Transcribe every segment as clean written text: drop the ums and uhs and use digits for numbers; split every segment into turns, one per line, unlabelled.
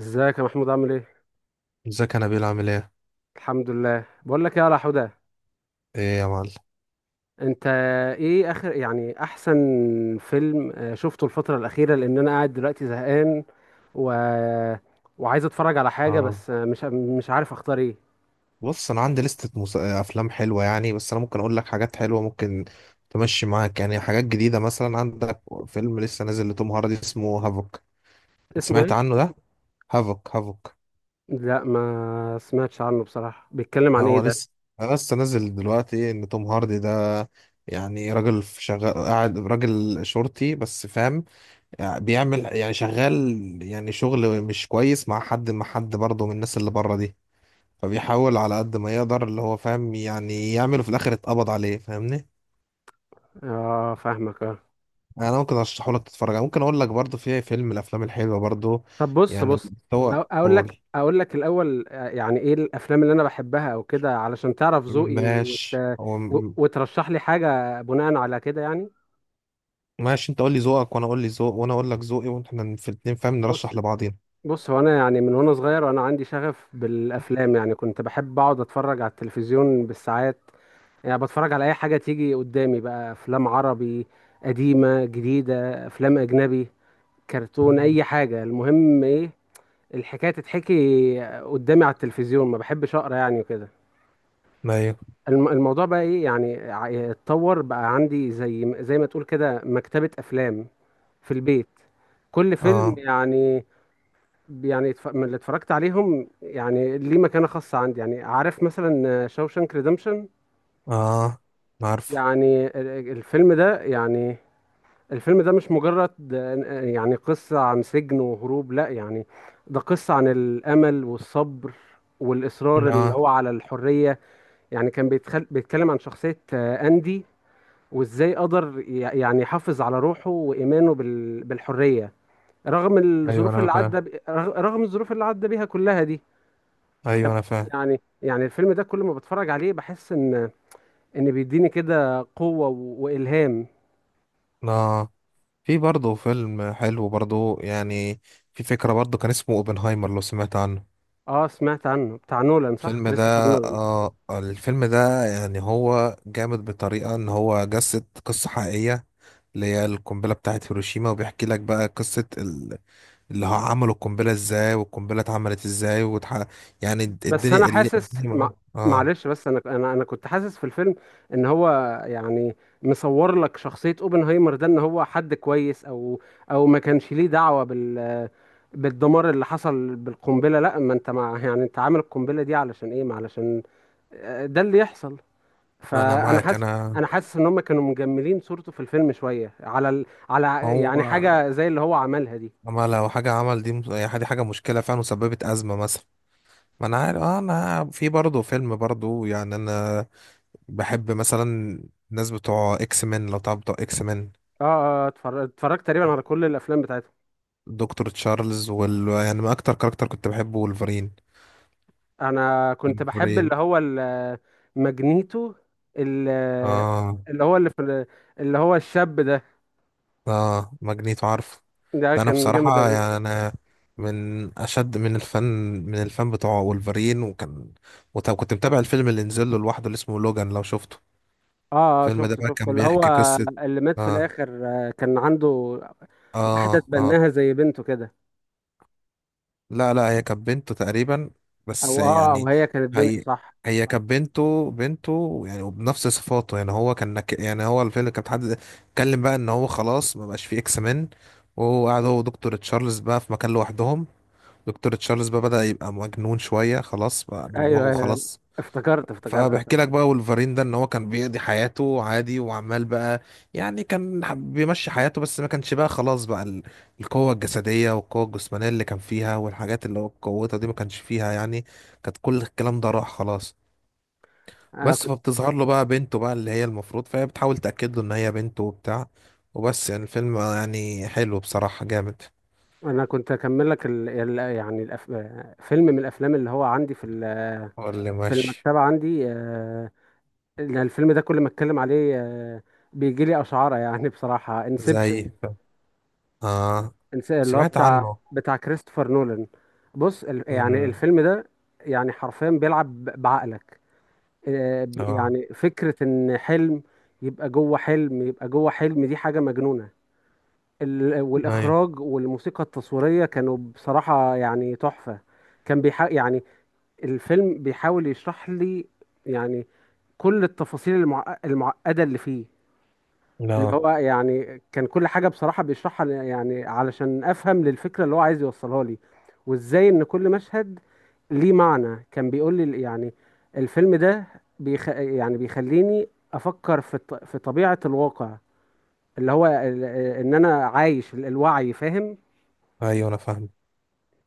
ازيك يا محمود؟ عامل ايه؟
ازيك، انا بيل عامل ايه؟
الحمد لله. بقول لك ايه يا حودة،
ايه يا معلم؟
انت ايه اخر يعني احسن فيلم شفته الفترة الأخيرة؟ لان انا قاعد دلوقتي زهقان و... وعايز اتفرج على حاجة،
اه.
بس مش عارف اختار ايه.
بص، انا عندي لستة افلام حلوه يعني، بس انا ممكن اقول لك حاجات حلوه ممكن تمشي معاك يعني. حاجات جديده مثلا، عندك فيلم لسه نازل لتوم هاردي اسمه هافوك.
اسمه
سمعت
ايه؟
عنه ده؟ هافوك هافوك.
لا، ما سمعتش عنه بصراحة. بيتكلم عن ايه
هو
ده؟
لسه لسه نازل دلوقتي، ان توم هاردي ده يعني راجل في شغال، قاعد راجل شرطي بس، فاهم؟ يعني بيعمل يعني شغال، يعني شغل مش كويس مع حد برضه من الناس اللي بره دي. فبيحاول على قد ما يقدر اللي هو فاهم يعني يعمله، في الاخر اتقبض عليه، فاهمني؟
اه فاهمك، اه.
يعني انا ممكن ارشحه لك تتفرج عليه. ممكن اقول لك برضو في فيلم من الافلام الحلوه برضو،
طب بص
يعني
بص
اللي هو
اقول لك
قول.
اقول لك الاول يعني ايه الافلام اللي انا بحبها او كده، علشان تعرف ذوقي
ماشي،
وترشح لي حاجة بناء على كده، يعني.
ماشي، انت قول لي ذوقك وانا اقول لك ذوقي، واحنا في الاتنين فاهم
بص
نرشح لبعضينا.
بص، هو انا يعني من وانا صغير انا عندي شغف بالافلام. يعني كنت بحب اقعد اتفرج على التلفزيون بالساعات، يعني بتفرج على اي حاجه تيجي قدامي. بقى افلام عربي قديمه جديده، افلام اجنبي، كرتون،
مم.
اي حاجه. المهم ايه؟ الحكايه تتحكي قدامي على التلفزيون. ما بحبش اقرا يعني وكده.
ايوه.
الموضوع بقى ايه يعني، اتطور بقى عندي زي ما تقول كده مكتبه افلام في البيت. كل فيلم
اه
يعني، يعني من اللي اتفرجت عليهم يعني ليه مكانة خاصة عندي، يعني عارف مثلا شاوشانك ريدمشن.
اه، أنا عارفه.
يعني الفيلم ده يعني، الفيلم ده مش مجرد يعني قصة عن سجن وهروب، لا يعني. ده قصة عن الأمل والصبر والإصرار اللي
اه.
هو على الحرية. يعني كان بيتكلم عن شخصية أندي، وإزاي قدر يعني يحافظ على روحه وإيمانه بالحرية، رغم
ايوه
الظروف
انا
اللي
فاهم.
عدى رغم الظروف اللي عدى بيها كلها دي. كم-
ايوه انا فاهم.
يعني، يعني الفيلم ده كل ما بتفرج عليه بحس ان ان بيديني كده قوة والهام.
اه، في برضه فيلم حلو برضه يعني، في فكرة برضه، كان اسمه اوبنهايمر، لو سمعت عنه.
اه سمعت عنه، بتاع نولان، صح؟
الفيلم ده،
كريستوفر نولان.
آه الفيلم ده يعني هو جامد بطريقة، ان هو جسد قصة حقيقية اللي هي القنبلة بتاعت هيروشيما، وبيحكي لك بقى قصة اللي هو عملوا القنبلة ازاي، والقنبلة اتعملت ازاي، يعني
بس انا
الدنيا
حاسس
اه
معلش، بس انا انا كنت حاسس في الفيلم ان هو يعني مصور لك شخصية اوبنهايمر ده ان هو حد كويس، او او ما كانش ليه دعوة بال بالدمار اللي حصل بالقنبلة. لا، ما انت مع يعني، انت عامل القنبلة دي علشان ايه؟ ما علشان ده اللي يحصل.
انا
فانا
معاك
حاسس،
انا.
انا حاسس ان هم كانوا مجملين صورته في الفيلم شويه على على
هو
يعني حاجه زي اللي هو عملها دي.
اما لو حاجة عمل دي يعني دي حاجة مشكلة فعلا وسببت أزمة مثلا، ما انا عارف. انا في برضه فيلم برضه يعني، انا بحب مثلا الناس بتوع اكس مان، لو تعرف بتوع اكس مان.
اه اه اتفرجت تقريبا على كل الافلام بتاعته.
دكتور تشارلز وال يعني، ما اكتر كاركتر كنت بحبه ولفرين.
انا كنت بحب
ولفرين.
اللي هو ماجنيتو، ال-
اه
اللي هو اللي في ال- اللي هو الشاب ده،
اه، ماجنيتو عارف.
ده
لا، انا
كان جامد
بصراحة
اوي.
يعني انا من اشد من الفن بتوع ولفرين. وكان، وطب كنت متابع الفيلم اللي نزل له لوحده اللي اسمه لوجان، لو شفته.
اه اه
الفيلم ده
شفته
بقى
شفته
كان
اللي هو،
بيحكي قصة.
اللي مات في
اه
الاخر كان عنده
اه
واحده
اه.
تبناها زي بنته كده.
لا لا، هي كانت بنته تقريبا، بس
او اه او
يعني.
هي كانت بنته،
هي
صح.
هي كانت بنته، بنته يعني، وبنفس صفاته يعني. هو كان يعني هو الفيلم كان حد اتكلم بقى ان هو خلاص ما بقاش فيه اكس مان، وهو قاعد هو ودكتور تشارلز بقى في مكان لوحدهم. دكتور تشارلز بقى بدأ يبقى مجنون شوية، خلاص بقى
ايوه،
دماغه
ايوه، أيوه.
خلاص.
افتكرت
فبحكي
الفيلم.
لك بقى، ولفرين ده ان هو كان بيقضي حياته عادي، وعمال بقى يعني، بيمشي حياته، بس ما كانش بقى خلاص بقى القوة الجسدية والقوة الجسمانية اللي كان فيها والحاجات اللي هو قوتها دي ما كانش فيها يعني، كانت كل الكلام ده راح خلاص.
انا
بس فبتظهر له بقى بنته بقى، اللي هي المفروض، فهي بتحاول تأكد له ان هي بنته وبتاع. وبس يعني الفيلم يعني حلو بصراحة، جامد.
انا كنت اكمل لك يعني فيلم من الافلام اللي هو عندي في
هو اللي
في
ماشي.
المكتبه عندي. إن الفيلم ده كل ما اتكلم عليه بيجي لي اشعاره. يعني بصراحه انسبشن،
زي، اه
اللي هو
سمعت
بتاع
عنه.
بتاع كريستوفر نولان. بص يعني
امم.
الفيلم ده يعني حرفيا بيلعب بعقلك.
اه.
يعني فكره ان حلم يبقى جوه حلم يبقى جوه حلم، دي حاجه مجنونه.
ايوه.
والاخراج والموسيقى التصويريه كانوا بصراحه يعني تحفه. كان بيحق يعني، الفيلم بيحاول يشرح لي يعني كل التفاصيل المعقدة اللي فيه، اللي
لا.
هو يعني كان كل حاجة بصراحة بيشرحها يعني علشان أفهم للفكرة اللي هو عايز يوصلها لي، وإزاي إن كل مشهد ليه معنى. كان بيقول لي يعني الفيلم ده يعني بيخليني أفكر في في طبيعة الواقع، اللي هو إن أنا عايش الوعي، فاهم.
ايوه انا فاهم.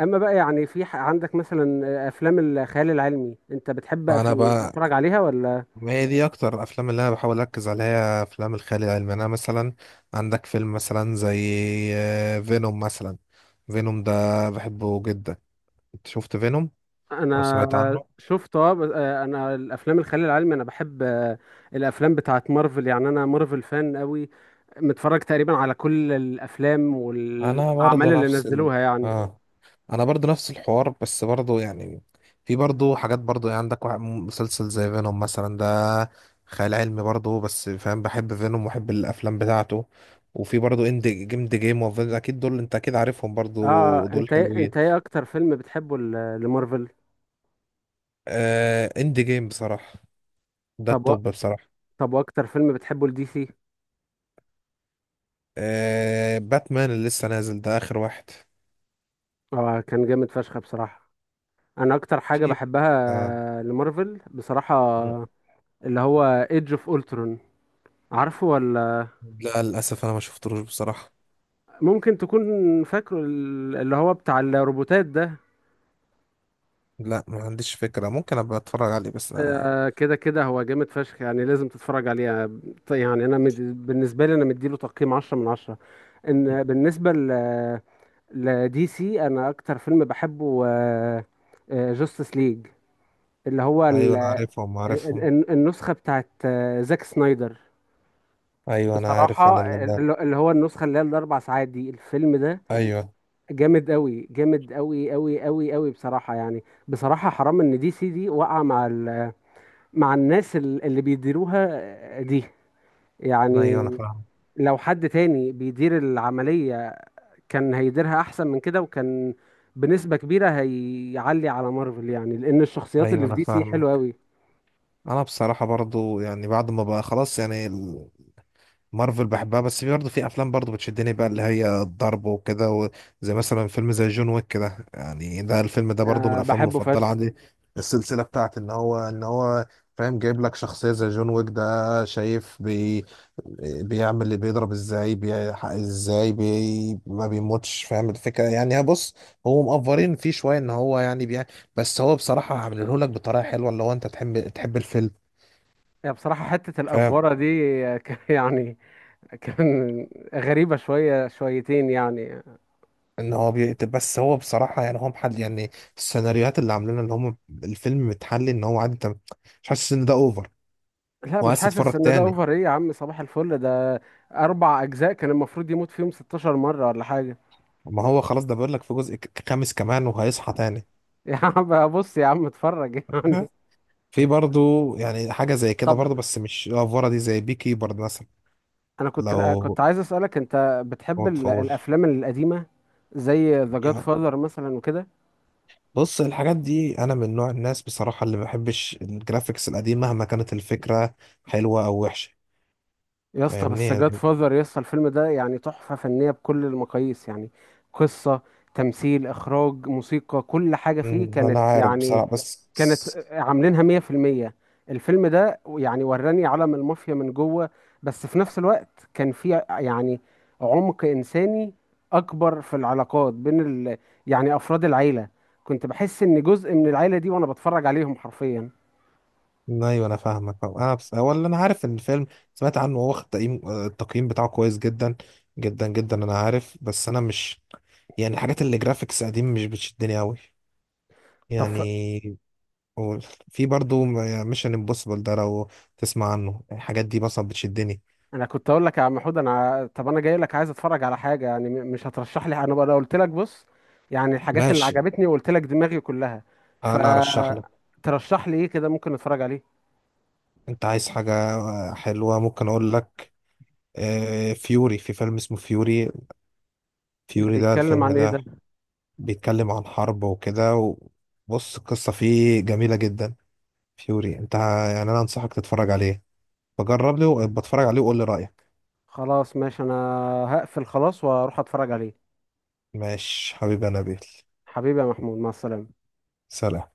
أما بقى يعني في عندك مثلا أفلام الخيال العلمي، أنت بتحب
انا بقى،
تتفرج عليها ولا؟
ما هي دي اكتر الافلام اللي انا بحاول اركز عليها، هي افلام الخيال العلمي. انا مثلا عندك فيلم مثلا زي، فينوم مثلا. فينوم ده بحبه جدا. انت شفت فينوم او سمعت
انا
عنه؟
شفت، اه، انا الافلام الخيال العلمي انا بحب الافلام بتاعت مارفل. يعني انا مارفل فان قوي، متفرج تقريبا على كل الافلام
انا برضه
والاعمال اللي نزلوها يعني.
اه، انا برضو نفس الحوار، بس برضو يعني في برضو حاجات برضو يعني، عندك مسلسل زي فينوم مثلا ده، خيال علمي برضو بس، فاهم؟ بحب فينوم وبحب الافلام بتاعته. وفي برضو اند جيم، دي جيم اكيد دول، انت اكيد عارفهم برضو،
اه
دول
انت انت
حلوين.
ايه اكتر فيلم بتحبه لمارفل؟
آه اند جيم بصراحة، ده
طب
التوب بصراحة.
طب واكتر فيلم بتحبه لدي سي؟
آه باتمان اللي لسه نازل ده، اخر واحد.
اه كان جامد فشخ بصراحة. انا اكتر حاجة
في
بحبها
آه،
لمارفل بصراحة اللي هو ايدج اوف اولترون، عارفه ولا؟
لا للاسف انا ما شفتلوش بصراحة.
ممكن تكون فاكره اللي هو بتاع الروبوتات ده.
لا ما عنديش فكرة، ممكن ابقى اتفرج عليه بس آه.
كده كده، هو جامد فشخ يعني لازم تتفرج عليه. يعني انا بالنسبه لي انا مديله تقييم 10 من 10. ان بالنسبه ل لدي سي، انا اكتر فيلم بحبه جاستس ليج، اللي هو
ايوه انا عارفهم عارفهم.
النسخه بتاعت زاك سنايدر.
ايوه انا عارف
بصراحه
انا لما.
اللي هو النسخه اللي هي الاربع ساعات دي، الفيلم ده
ايوه
جامد قوي، جامد قوي قوي قوي قوي بصراحة. يعني بصراحة حرام ان دي سي دي وقع مع مع الناس اللي بيديروها دي،
ايوه
يعني.
انا فاهم.
لو حد تاني بيدير العملية كان هيديرها احسن من كده، وكان بنسبة كبيرة هيعلي على مارفل، يعني لان الشخصيات
ايوه
اللي في
انا
دي سي حلوة
فاهمك.
قوي.
انا بصراحه برضو يعني بعد ما بقى خلاص يعني مارفل بحبها، بس في برضه في افلام برضه بتشدني بقى، اللي هي الضرب وكده، و زي مثلا فيلم زي جون ويك كده يعني، ده الفيلم ده برضه من
أه
الافلام
بحبه
المفضله
فشخ.
عندي. السلسله بتاعت ان هو فاهم، جايب لك شخصيه زي جون ويك ده، شايف بي بيعمل اللي بيضرب ازاي، بيحقق ازاي، بي ما بيموتش، فاهم الفكره يعني؟ هي بص، هو مقفرين فيه شويه ان هو يعني بيع، بس هو بصراحه عامله لك بطريقه حلوه اللي هو انت تحب الفيلم
يعني بصراحة حتة
فاهم،
الأفورة دي يعني كان غريبة شوية شويتين يعني.
ان هو بيقتل بس، هو بصراحه يعني هو محل يعني السيناريوهات اللي عاملينها ان هم الفيلم متحلي ان هو عادي، انت مش حاسس ان ده اوفر
لا مش
وعايز تتفرج
حاسس ان ده
تاني.
اوفر. ايه يا عم صباح الفل ده؟ اربع اجزاء كان المفروض يموت فيهم 16 مرة ولا حاجة.
ما هو خلاص ده بيقول لك في جزء خامس كمان، وهيصحى تاني.
يا عم بص يا عم اتفرج
لا،
يعني.
في برضو يعني حاجه زي كده
طب
برضو بس مش الافوره دي، زي بي كيبر مثلا.
انا كنت
لو
كنت عايز اسألك، انت بتحب
ما تفوش
الافلام القديمة زي ذا جاد
يعني،
فاذر مثلا وكده؟
بص الحاجات دي انا من نوع الناس بصراحه اللي ما بحبش الجرافيكس القديم مهما كانت الفكره حلوه او وحشه،
يا اسطى،
فاهمني
بس جاد
يعني؟
فازر يا اسطى، الفيلم ده يعني تحفة فنية بكل المقاييس يعني. قصة، تمثيل، إخراج، موسيقى، كل حاجة فيه كانت
انا عارف
يعني،
بصراحه بس.
كانت عاملينها مية في المية. الفيلم ده يعني وراني عالم المافيا من جوه، بس في نفس الوقت كان فيه يعني عمق إنساني أكبر في العلاقات بين ال يعني أفراد العيلة. كنت بحس إن جزء من العيلة دي وأنا بتفرج عليهم حرفيا.
ايوه انا فاهمك فاهم. انا بس هو اللي انا عارف ان الفيلم، سمعت عنه، هو واخد تقييم، التقييم بتاعه كويس جدا جدا جدا، انا عارف، بس انا مش يعني، الحاجات اللي جرافيكس قديم مش بتشدني قوي
طب
يعني. و، في برضو ميشن امبوسيبل ده، لو تسمع عنه، الحاجات دي مثلا بتشدني.
انا كنت اقول لك يا عم حود، انا طب انا جاي لك عايز اتفرج على حاجه، يعني مش هترشح لي حاجة؟ انا بقى أنا قلت لك بص يعني الحاجات اللي
ماشي
عجبتني، وقلت لك دماغي كلها،
انا ارشح لك.
فترشح لي ايه كده ممكن اتفرج عليه؟
انت عايز حاجة حلوة ممكن اقول لك، فيوري، في فيلم اسمه فيوري.
ده
فيوري ده،
بيتكلم
الفيلم
عن ايه
ده
ده؟
بيتكلم عن حرب وكده، وبص القصة فيه جميلة جدا. فيوري، يعني انا انصحك تتفرج عليه. فجرب لي وبتفرج عليه وقول لي رأيك.
خلاص ماشي، انا هقفل خلاص واروح اتفرج عليه.
ماشي حبيبي يا نبيل.
حبيبي يا محمود، مع السلامه.
سلام.